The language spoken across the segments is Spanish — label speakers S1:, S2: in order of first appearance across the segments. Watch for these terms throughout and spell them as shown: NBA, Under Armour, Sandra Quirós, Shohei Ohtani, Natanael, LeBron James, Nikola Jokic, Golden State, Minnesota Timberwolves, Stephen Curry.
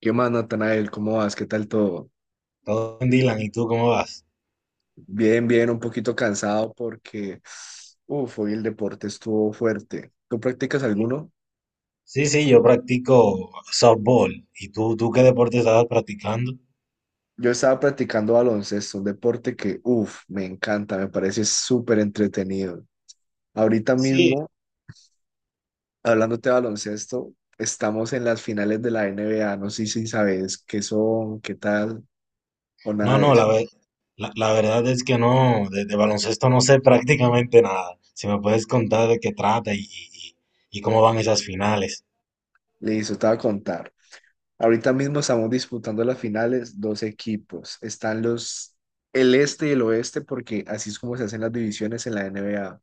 S1: ¿Qué más, Natanael? ¿Cómo vas? ¿Qué tal todo?
S2: Todo bien, Dylan, ¿y tú cómo vas?
S1: Bien, bien, un poquito cansado porque, hoy el deporte estuvo fuerte. ¿Tú practicas alguno?
S2: Sí, sí, yo practico softball. ¿Y tú qué deporte estabas practicando?
S1: Yo estaba practicando baloncesto, un deporte que, me encanta, me parece súper entretenido. Ahorita
S2: Sí.
S1: mismo, hablándote de baloncesto, estamos en las finales de la NBA, no sé si sabes qué son, qué tal o
S2: No,
S1: nada
S2: no,
S1: de eso.
S2: la verdad es que no, de baloncesto no sé prácticamente nada. Si me puedes contar de qué trata y cómo van esas finales.
S1: Listo, te voy a contar. Ahorita mismo estamos disputando las finales, dos equipos. Están el este y el oeste, porque así es como se hacen las divisiones en la NBA.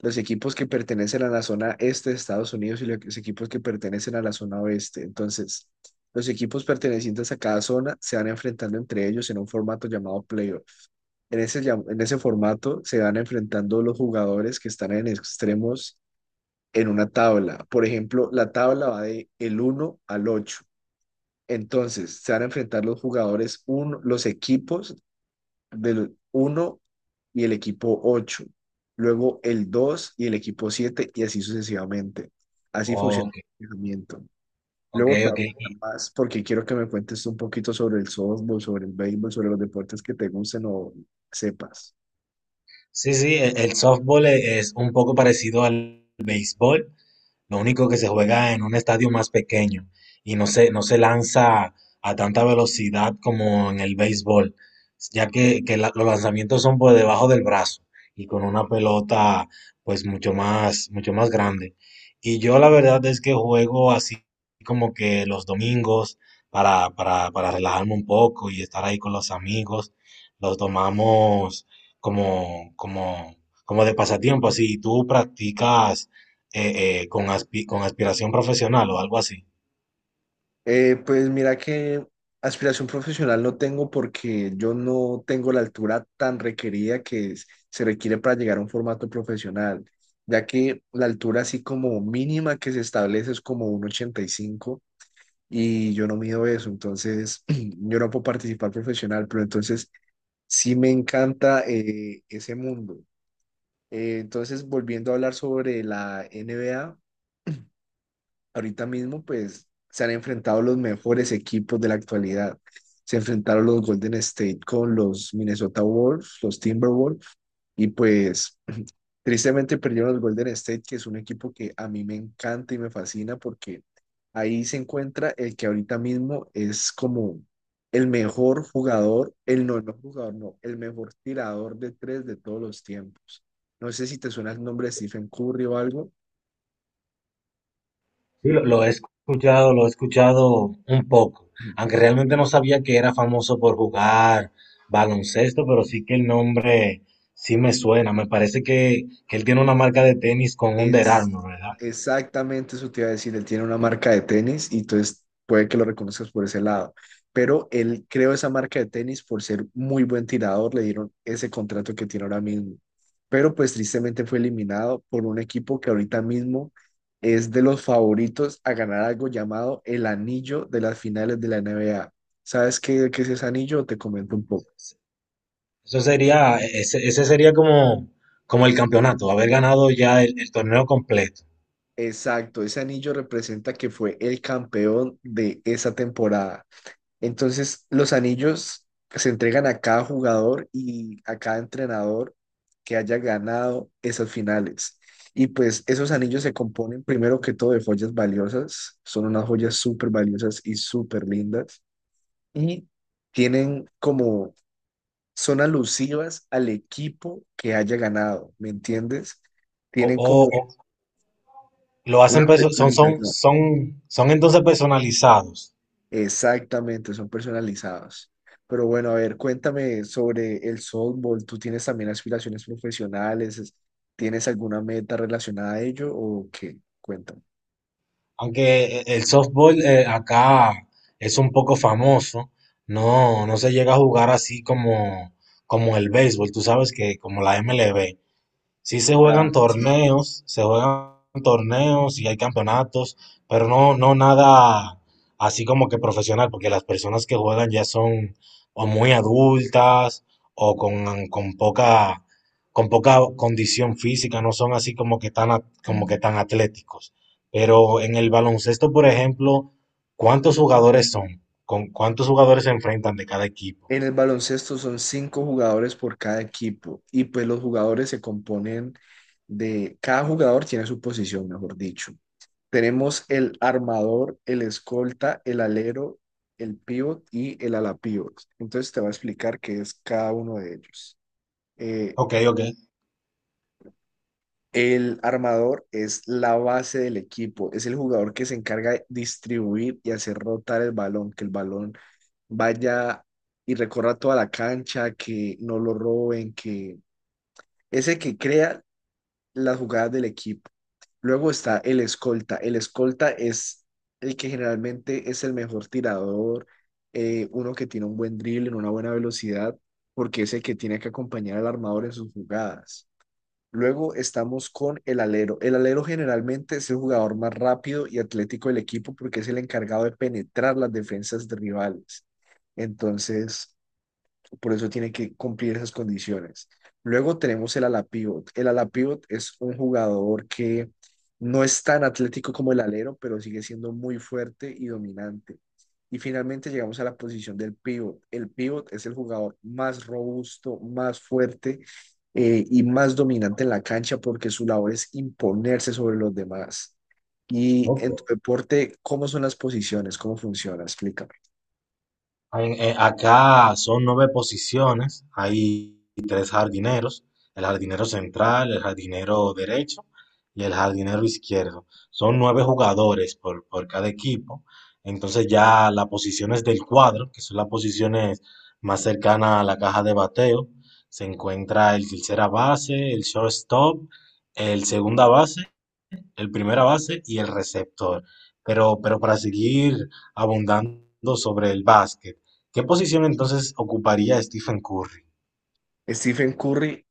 S1: Los equipos que pertenecen a la zona este de Estados Unidos y los equipos que pertenecen a la zona oeste. Entonces, los equipos pertenecientes a cada zona se van enfrentando entre ellos en un formato llamado playoff. En ese, en ese formato se van enfrentando los jugadores que están en extremos en una tabla. Por ejemplo, la tabla va de el uno al 8 entonces, se van a enfrentar los jugadores, uno, los equipos del uno y el equipo 8, luego el 2 y el equipo 7 y así sucesivamente. Así funciona
S2: Ok,
S1: el entrenamiento.
S2: ok,
S1: Luego te
S2: ok.
S1: voy a contar más porque quiero que me cuentes un poquito sobre el softball, sobre el béisbol, sobre los deportes que te gusten o sepas.
S2: Sí, sí, el softball es un poco parecido al béisbol. Lo único que se juega en un estadio más pequeño y no se lanza a tanta velocidad como en el béisbol, ya que los lanzamientos son por debajo del brazo y con una pelota pues mucho más grande. Y yo la verdad es que juego así como que los domingos para relajarme un poco y estar ahí con los amigos. Los tomamos como, como, como de pasatiempo, así. ¿Tú practicas con aspiración profesional o algo así?
S1: Pues mira que aspiración profesional no tengo porque yo no tengo la altura tan requerida que se requiere para llegar a un formato profesional, ya que la altura así como mínima que se establece es como 1,85 y yo no mido eso, entonces yo no puedo participar profesional, pero entonces sí me encanta ese mundo. Entonces volviendo a hablar sobre la NBA ahorita mismo, pues se han enfrentado los mejores equipos de la actualidad. Se enfrentaron los Golden State con los Minnesota Wolves, los Timberwolves, y pues tristemente perdieron los Golden State, que es un equipo que a mí me encanta y me fascina porque ahí se encuentra el que ahorita mismo es como el mejor jugador, el no, no jugador, no, el mejor tirador de tres de todos los tiempos. No sé si te suena el nombre de Stephen Curry o algo.
S2: Sí, lo he escuchado, lo he escuchado un poco, aunque realmente no sabía que era famoso por jugar baloncesto, pero sí que el nombre sí me suena. Me parece que él tiene una marca de tenis con Under
S1: Es
S2: Armour, ¿verdad?
S1: exactamente eso te iba a decir. Él tiene una marca de tenis y entonces puede que lo reconozcas por ese lado. Pero él creó esa marca de tenis por ser muy buen tirador. Le dieron ese contrato que tiene ahora mismo. Pero pues tristemente fue eliminado por un equipo que ahorita mismo es de los favoritos a ganar algo llamado el anillo de las finales de la NBA. ¿Sabes qué, qué es ese anillo? Te comento un poco.
S2: Eso sería, ese sería como, como el campeonato, haber ganado ya el torneo completo.
S1: Exacto, ese anillo representa que fue el campeón de esa temporada. Entonces, los anillos se entregan a cada jugador y a cada entrenador que haya ganado esas finales. Y pues esos anillos se componen primero que todo de joyas valiosas, son unas joyas súper valiosas y súper lindas. Y tienen como, son alusivas al equipo que haya ganado, ¿me entiendes?
S2: O,
S1: Tienen
S2: o-
S1: como
S2: o lo
S1: una...
S2: hacen, son entonces personalizados.
S1: Exactamente, son personalizados. Pero bueno, a ver, cuéntame sobre el softball. ¿Tú tienes también aspiraciones profesionales? ¿Tienes alguna meta relacionada a ello o qué? Cuéntame.
S2: Aunque el softball acá es un poco famoso, no, no se llega a jugar así como el béisbol, tú sabes que como la MLB. Sí
S1: Claro, sí.
S2: se juegan torneos y hay campeonatos, pero no, no nada así como que profesional, porque las personas que juegan ya son o muy adultas o con poca condición física, no son así como que tan, como que tan atléticos. Pero en el baloncesto, por ejemplo, ¿cuántos jugadores son? ¿Con cuántos jugadores se enfrentan de cada equipo?
S1: En el baloncesto son cinco jugadores por cada equipo y pues los jugadores se componen de, cada jugador tiene su posición, mejor dicho. Tenemos el armador, el escolta, el alero, el pivot y el ala pivot. Entonces te voy a explicar qué es cada uno de ellos. eh,
S2: Ok, ok.
S1: el armador es la base del equipo, es el jugador que se encarga de distribuir y hacer rotar el balón, que el balón vaya y recorra toda la cancha, que no lo roben, que es el que crea las jugadas del equipo. Luego está el escolta. El escolta es el que generalmente es el mejor tirador, uno que tiene un buen dribbling, una buena velocidad, porque es el que tiene que acompañar al armador en sus jugadas. Luego estamos con el alero. El alero generalmente es el jugador más rápido y atlético del equipo porque es el encargado de penetrar las defensas de rivales. Entonces, por eso tiene que cumplir esas condiciones. Luego tenemos el ala pivot. El ala pivot es un jugador que no es tan atlético como el alero, pero sigue siendo muy fuerte y dominante. Y finalmente llegamos a la posición del pivot. El pivot es el jugador más robusto, más fuerte y más dominante en la cancha porque su labor es imponerse sobre los demás. Y en tu
S2: Ok.
S1: deporte, ¿cómo son las posiciones? ¿Cómo funciona? Explícame.
S2: Acá son nueve posiciones, hay tres jardineros, el jardinero central, el jardinero derecho y el jardinero izquierdo. Son nueve jugadores por cada equipo, entonces ya las posiciones del cuadro, que son las posiciones más cercanas a la caja de bateo, se encuentra el tercera base, el shortstop, el segunda base, el primera base y el receptor. Pero para seguir abundando sobre el básquet, ¿qué posición entonces ocuparía Stephen Curry?
S1: Stephen Curry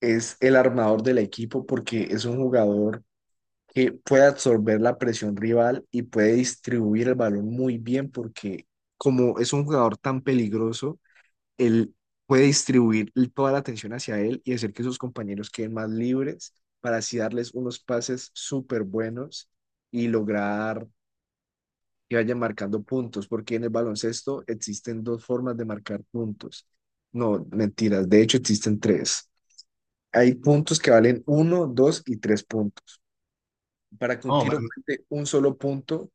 S1: es el armador del equipo porque es un jugador que puede absorber la presión rival y puede distribuir el balón muy bien porque como es un jugador tan peligroso, él puede distribuir toda la atención hacia él y hacer que sus compañeros queden más libres para así darles unos pases súper buenos y lograr que vayan marcando puntos, porque en el baloncesto existen dos formas de marcar puntos. No, mentiras, de hecho existen tres. Hay puntos que valen uno, dos y tres puntos. Para que un
S2: Oh,
S1: tiro cuente un solo punto,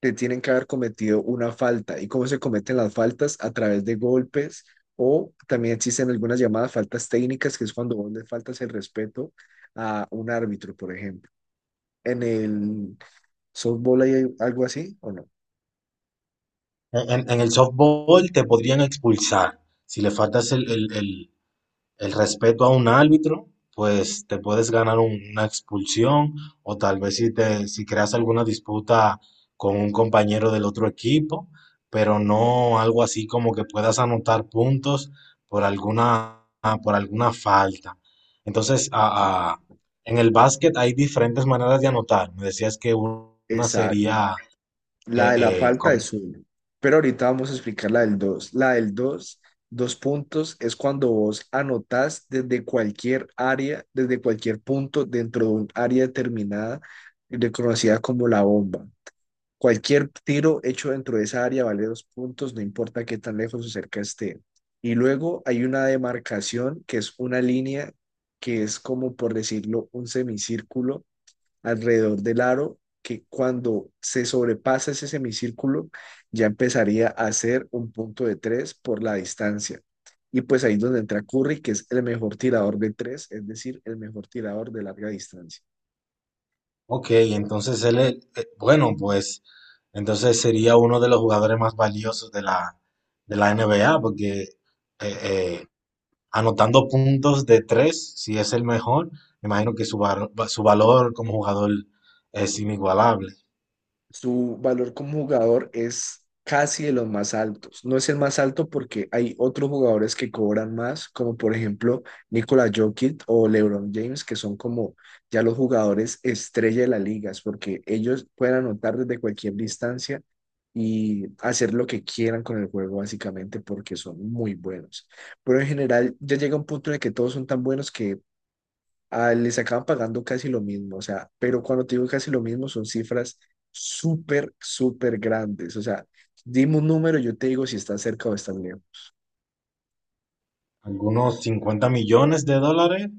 S1: te tienen que haber cometido una falta. ¿Y cómo se cometen las faltas? A través de golpes o también existen algunas llamadas faltas técnicas, que es cuando vos le faltas el respeto a un árbitro, por ejemplo. En el softball hay algo así, ¿o no?
S2: en el softball te podrían expulsar si le faltas el respeto a un árbitro, pues te puedes ganar una expulsión o tal vez si creas alguna disputa con un compañero del otro equipo, pero no algo así como que puedas anotar puntos por alguna, por alguna falta. Entonces, en el básquet hay diferentes maneras de anotar. Me decías que una
S1: Exacto.
S2: sería
S1: La
S2: eh,
S1: de la
S2: eh,
S1: falta es uno, pero ahorita vamos a explicar la del dos. La del dos, dos puntos, es cuando vos anotás desde cualquier área, desde cualquier punto dentro de un área determinada, reconocida como la bomba. Cualquier tiro hecho dentro de esa área vale dos puntos, no importa qué tan lejos o cerca esté. Y luego hay una demarcación que es una línea que es como, por decirlo, un semicírculo alrededor del aro que cuando se sobrepasa ese semicírculo ya empezaría a ser un punto de tres por la distancia. Y pues ahí es donde entra Curry, que es el mejor tirador de tres, es decir, el mejor tirador de larga distancia.
S2: Ok, entonces él es, bueno, pues entonces sería uno de los jugadores más valiosos de la, NBA, porque eh, anotando puntos de tres, si es el mejor, me imagino que su valor como jugador es inigualable.
S1: Su valor como jugador es casi de los más altos. No es el más alto porque hay otros jugadores que cobran más, como por ejemplo Nikola Jokic o LeBron James, que son como ya los jugadores estrella de las ligas, porque ellos pueden anotar desde cualquier distancia y hacer lo que quieran con el juego, básicamente, porque son muy buenos. Pero en general ya llega un punto en el que todos son tan buenos que les acaban pagando casi lo mismo, o sea, pero cuando te digo casi lo mismo son cifras súper, súper grandes, o sea, dime un número, yo te digo si estás cerca o estás lejos.
S2: Algunos 50 millones de dólares.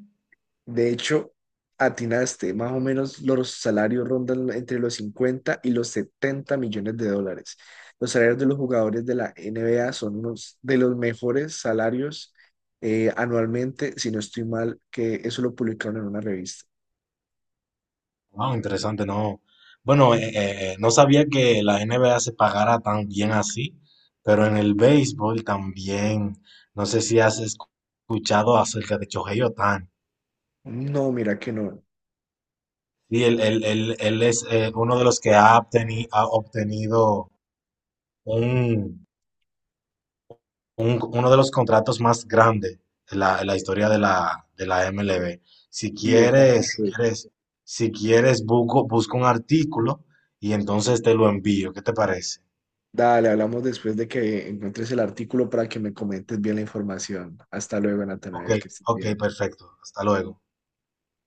S1: De hecho, atinaste, más o menos los salarios rondan entre los 50 y los 70 millones de dólares. Los salarios de los jugadores de la NBA son unos de los mejores salarios anualmente, si no estoy mal, que eso lo publicaron en una revista.
S2: Wow, interesante, no. Bueno, no sabía que la NBA se pagara tan bien así, pero en el béisbol también. No sé si has escuchado acerca de Shohei Ohtani.
S1: No, mira que no.
S2: Sí, él es uno de los que ha obtenido un, uno de los contratos más grandes en la, historia de la MLB. Si
S1: ¿Y de cuánto?
S2: quieres, si quieres, si quieres, busco un artículo y entonces te lo envío. ¿Qué te parece?
S1: Dale, hablamos después de que encuentres el artículo para que me comentes bien la información. Hasta luego,
S2: Ok,
S1: Natanael, que estés
S2: ok,
S1: bien.
S2: perfecto. Hasta luego.